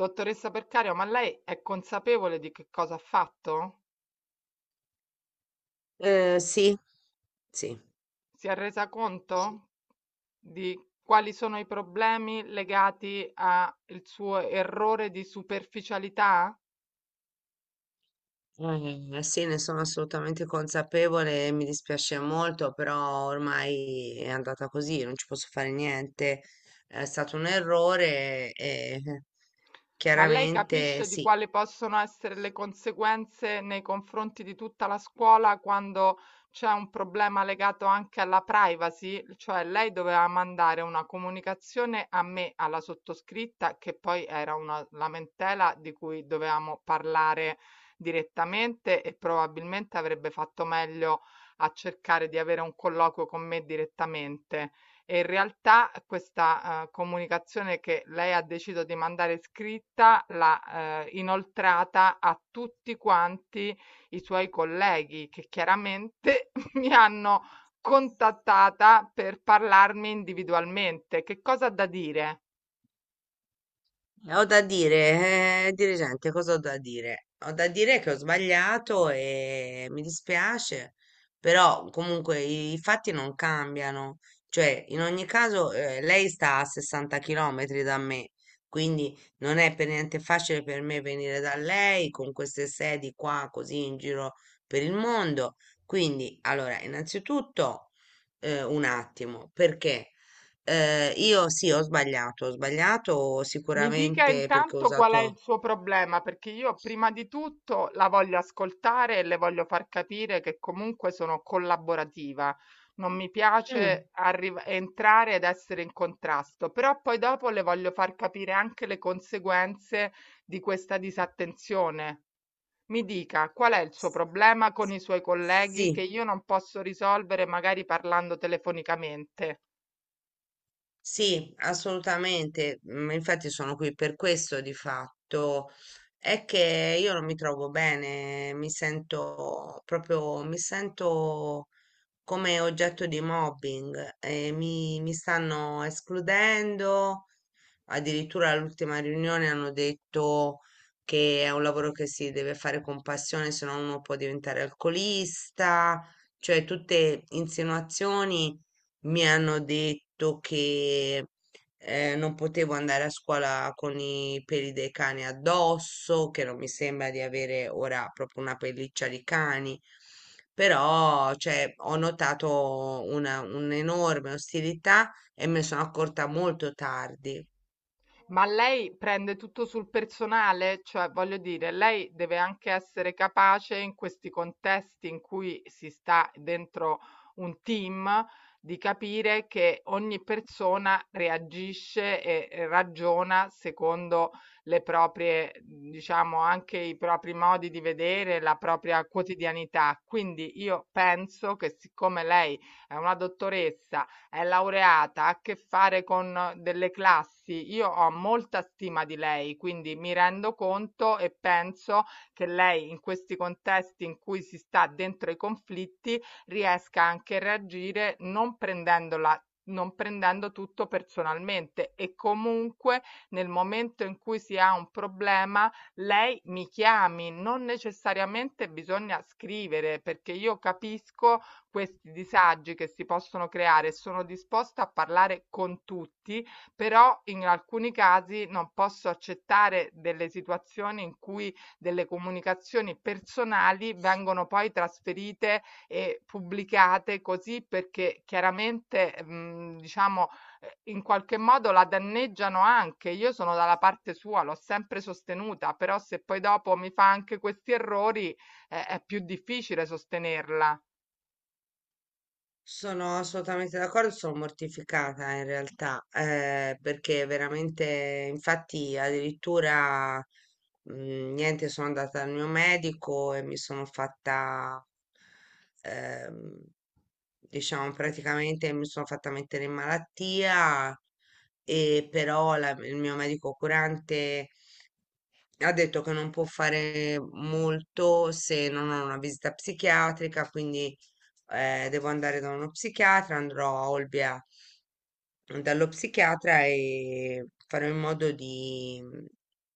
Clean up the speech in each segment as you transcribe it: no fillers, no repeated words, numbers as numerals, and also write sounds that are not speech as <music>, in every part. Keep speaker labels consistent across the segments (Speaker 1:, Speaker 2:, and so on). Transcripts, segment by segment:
Speaker 1: Dottoressa Percario, ma lei è consapevole di che cosa ha fatto?
Speaker 2: Sì, sì,
Speaker 1: Si è resa
Speaker 2: sì.
Speaker 1: conto di quali sono i problemi legati al suo errore di superficialità?
Speaker 2: Sì, ne sono assolutamente consapevole e mi dispiace molto, però ormai è andata così, non ci posso fare niente. È stato un errore e
Speaker 1: Ma lei
Speaker 2: chiaramente
Speaker 1: capisce di
Speaker 2: sì.
Speaker 1: quali possono essere le conseguenze nei confronti di tutta la scuola quando c'è un problema legato anche alla privacy? Cioè lei doveva mandare una comunicazione a me, alla sottoscritta, che poi era una lamentela di cui dovevamo parlare direttamente e probabilmente avrebbe fatto meglio a cercare di avere un colloquio con me direttamente. E in realtà questa, comunicazione che lei ha deciso di mandare scritta l'ha inoltrata a tutti quanti i suoi colleghi, che chiaramente <laughs> mi hanno contattata per parlarmi individualmente. Che cosa ha da dire?
Speaker 2: Ho da dire, dirigente, cosa ho da dire? Ho da dire che ho sbagliato e mi dispiace, però comunque i fatti non cambiano. Cioè, in ogni caso, lei sta a 60 km da me, quindi non è per niente facile per me venire da lei con queste sedi qua, così in giro per il mondo. Quindi, allora, innanzitutto, un attimo, perché? Io sì, ho sbagliato
Speaker 1: Mi dica
Speaker 2: sicuramente perché ho
Speaker 1: intanto qual è il
Speaker 2: usato...
Speaker 1: suo problema, perché io prima di tutto la voglio ascoltare e le voglio far capire che comunque sono collaborativa. Non mi
Speaker 2: Mm.
Speaker 1: piace entrare ed essere in contrasto, però poi dopo le voglio far capire anche le conseguenze di questa disattenzione. Mi dica qual è il suo problema con i suoi colleghi che
Speaker 2: Sì,
Speaker 1: io non posso risolvere magari parlando telefonicamente.
Speaker 2: sì, assolutamente. Infatti sono qui per questo di fatto. È che io non mi trovo bene, mi sento come oggetto di mobbing, e mi stanno escludendo. Addirittura all'ultima riunione hanno detto che è un lavoro che si deve fare con passione, se no uno può diventare alcolista, cioè tutte insinuazioni, mi hanno detto che non potevo andare a scuola con i peli dei cani addosso, che non mi sembra di avere ora proprio una pelliccia di cani, però cioè, ho notato un'enorme ostilità e me ne sono accorta molto tardi.
Speaker 1: Ma lei prende tutto sul personale? Cioè, voglio dire, lei deve anche essere capace in questi contesti in cui si sta dentro un team di capire che ogni persona reagisce e ragiona secondo le proprie, diciamo, anche i propri modi di vedere, la propria quotidianità. Quindi io penso che siccome lei è una dottoressa è laureata, ha a che fare con delle classi. Io ho molta stima di lei, quindi mi rendo conto e penso che lei in questi contesti in cui si sta dentro i conflitti riesca anche a reagire non prendendo tutto personalmente e comunque nel momento in cui si ha un problema lei mi chiami, non necessariamente bisogna scrivere perché io capisco questi disagi che si possono creare e sono disposta a parlare con tutti, però in alcuni casi non posso accettare delle situazioni in cui delle comunicazioni personali vengono poi trasferite e pubblicate così perché chiaramente, diciamo, in qualche modo la danneggiano anche. Io sono dalla parte sua, l'ho sempre sostenuta, però se poi dopo mi fa anche questi errori, è più difficile sostenerla.
Speaker 2: Sono assolutamente d'accordo, sono mortificata in realtà, perché veramente, infatti, addirittura niente, sono andata dal mio medico e mi sono fatta, ehm, diciamo, praticamente mi sono fatta mettere in malattia, e però il mio medico curante ha detto che non può fare molto se non ho una visita psichiatrica, quindi devo andare da uno psichiatra, andrò a Olbia dallo psichiatra e farò in modo di,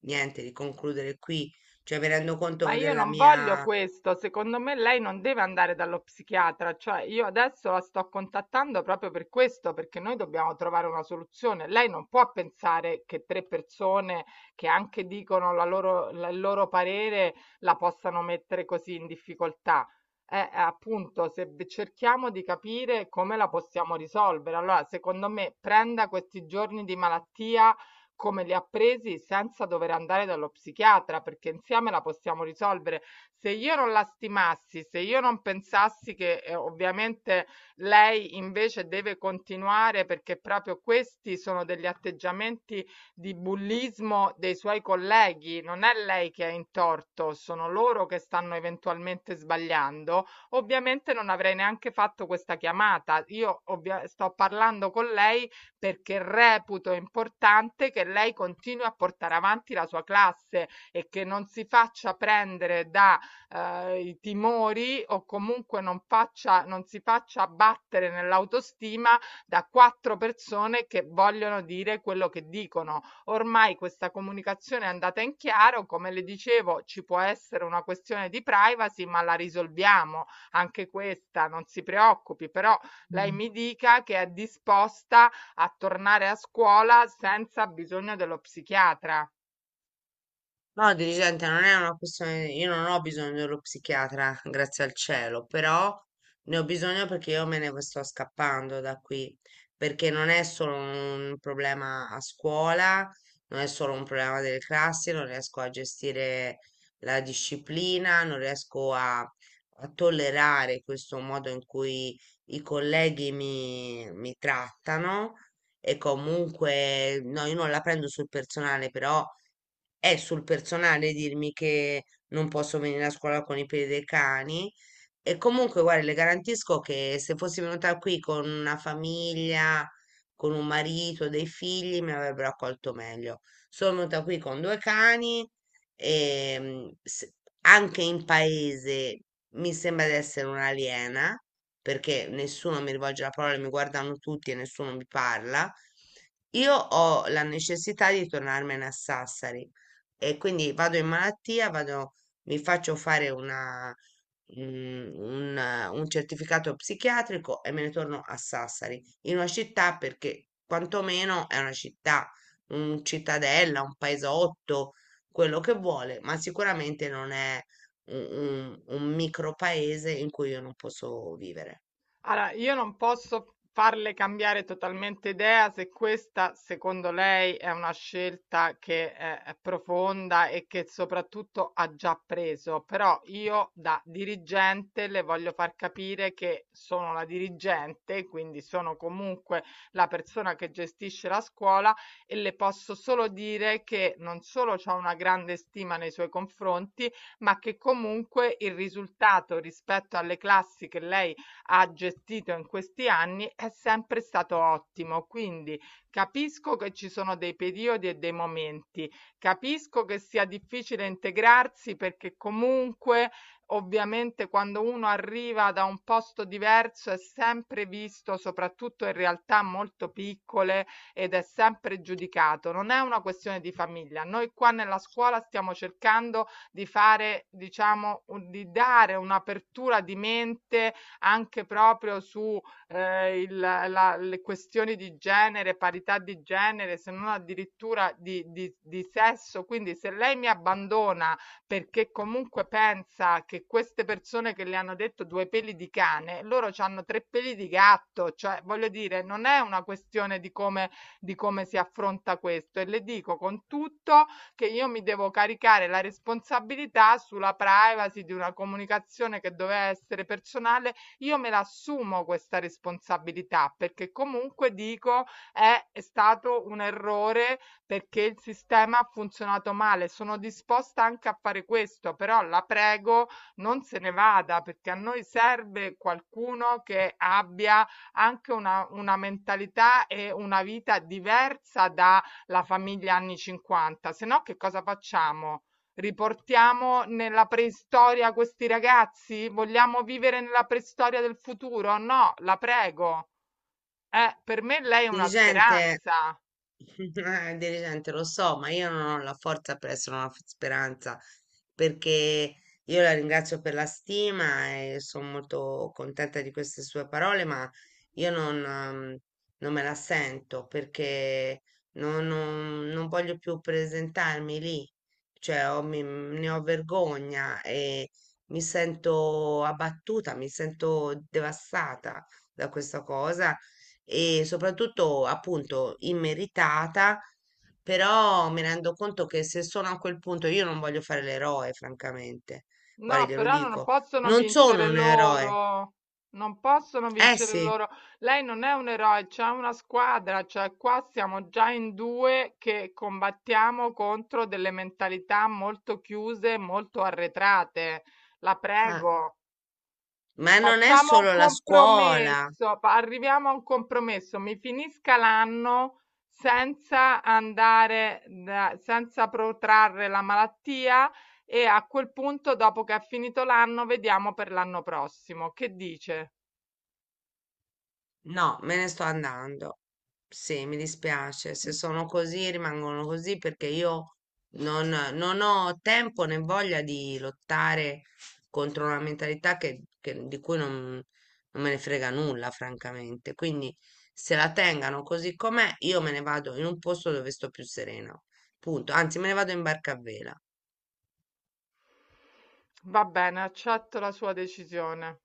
Speaker 2: niente, di concludere qui. Cioè, mi rendo
Speaker 1: Ma
Speaker 2: conto
Speaker 1: io
Speaker 2: della
Speaker 1: non voglio
Speaker 2: mia.
Speaker 1: questo, secondo me lei non deve andare dallo psichiatra, cioè io adesso la sto contattando proprio per questo, perché noi dobbiamo trovare una soluzione. Lei non può pensare che tre persone che anche dicono il loro parere la possano mettere così in difficoltà. Appunto, se v- cerchiamo di capire come la possiamo risolvere, allora secondo me prenda questi giorni di malattia come li ha presi senza dover andare dallo psichiatra, perché insieme la possiamo risolvere. Se io non la stimassi, se io non pensassi che ovviamente lei invece deve continuare perché proprio questi sono degli atteggiamenti di bullismo dei suoi colleghi, non è lei che è in torto, sono loro che stanno eventualmente sbagliando, ovviamente non avrei neanche fatto questa chiamata. Sto parlando con lei perché reputo importante che lei continui a portare avanti la sua classe e che non si faccia prendere da i timori o comunque non si faccia abbattere nell'autostima da quattro persone che vogliono dire quello che dicono. Ormai questa comunicazione è andata in chiaro, come le dicevo, ci può essere una questione di privacy, ma la risolviamo anche questa, non si preoccupi, però lei mi dica che è disposta a tornare a scuola senza bisogno dello psichiatra.
Speaker 2: No, dirigente, non è una questione, io non ho bisogno dello psichiatra, grazie al cielo, però ne ho bisogno perché io me ne sto scappando da qui, perché non è solo un problema a scuola, non è solo un problema delle classi, non riesco a gestire la disciplina, non riesco a, a tollerare questo modo in cui i colleghi mi trattano e comunque, no, io non la prendo sul personale, però è sul personale dirmi che non posso venire a scuola con i piedi dei cani e comunque, guarda, le garantisco che se fossi venuta qui con una famiglia, con un marito, dei figli, mi avrebbero accolto meglio. Sono venuta qui con due cani e anche in paese mi sembra di essere un'aliena, perché nessuno mi rivolge la parola, mi guardano tutti e nessuno mi parla. Io ho la necessità di tornarmene a Sassari e quindi vado in malattia, vado, mi faccio fare una mhmm, un certificato psichiatrico e me ne torno a Sassari, in una città perché quantomeno è una città, un cittadella, un paesotto, quello che vuole, ma sicuramente non è u un micropaese in cui io non posso vivere.
Speaker 1: Allora, io non posso farle cambiare totalmente idea se questa, secondo lei, è una scelta che è profonda e che soprattutto ha già preso, però io da dirigente le voglio far capire che sono la dirigente, quindi sono comunque la persona che gestisce la scuola e le posso solo dire che non solo ho una grande stima nei suoi confronti, ma che comunque il risultato rispetto alle classi che lei ha gestito in questi anni è sempre stato ottimo. Quindi capisco che ci sono dei periodi e dei momenti, capisco che sia difficile integrarsi perché comunque ovviamente quando uno arriva da un posto diverso è sempre visto, soprattutto in realtà molto piccole, ed è sempre giudicato. Non è una questione di famiglia. Noi qua nella scuola stiamo cercando di fare, diciamo, di dare un'apertura di mente anche proprio su le questioni di genere, parità di genere, se non addirittura di, di sesso. Quindi se lei mi abbandona perché comunque pensa che queste persone che le hanno detto due peli di cane, loro hanno tre peli di gatto, cioè voglio dire, non è una questione di come si affronta questo e le dico con tutto che io mi devo caricare la responsabilità sulla privacy di una comunicazione che doveva essere personale io me la assumo questa responsabilità perché comunque dico è stato un errore perché il sistema ha funzionato male. Sono disposta anche a fare questo, però la prego non se ne vada perché a noi serve qualcuno che abbia anche una mentalità e una vita diversa dalla famiglia anni 50. Se no, che cosa facciamo? Riportiamo nella preistoria questi ragazzi? Vogliamo vivere nella preistoria del futuro? No, la prego. Per me lei è una
Speaker 2: Dirigente.
Speaker 1: speranza.
Speaker 2: Dirigente, lo so, ma io non ho la forza per essere una speranza, perché io la ringrazio per la stima e sono molto contenta di queste sue parole, ma io non me la sento perché non voglio più presentarmi lì, cioè ne ho vergogna e mi sento abbattuta, mi sento devastata da questa cosa e soprattutto appunto immeritata, però mi rendo conto che se sono a quel punto io non voglio fare l'eroe, francamente. Guarda,
Speaker 1: No,
Speaker 2: glielo
Speaker 1: però non
Speaker 2: dico,
Speaker 1: possono
Speaker 2: non sono
Speaker 1: vincere
Speaker 2: un eroe.
Speaker 1: loro. Non possono
Speaker 2: Eh
Speaker 1: vincere
Speaker 2: sì.
Speaker 1: loro. Lei non è un eroe, c'è una squadra, cioè qua siamo già in due che combattiamo contro delle mentalità molto chiuse, molto arretrate. La
Speaker 2: Eh,
Speaker 1: prego.
Speaker 2: ma non è
Speaker 1: Facciamo un
Speaker 2: solo la scuola.
Speaker 1: compromesso, arriviamo a un compromesso, mi finisca l'anno senza andare, senza protrarre la malattia e a quel punto, dopo che è finito l'anno, vediamo per l'anno prossimo. Che dice?
Speaker 2: No, me ne sto andando. Sì, mi dispiace. Se sono così, rimangono così perché io non, non ho tempo né voglia di lottare contro una mentalità di cui non me ne frega nulla, francamente. Quindi se la tengano così com'è, io me ne vado in un posto dove sto più serena. Punto. Anzi, me ne vado in barca a vela.
Speaker 1: Va bene, accetto la sua decisione.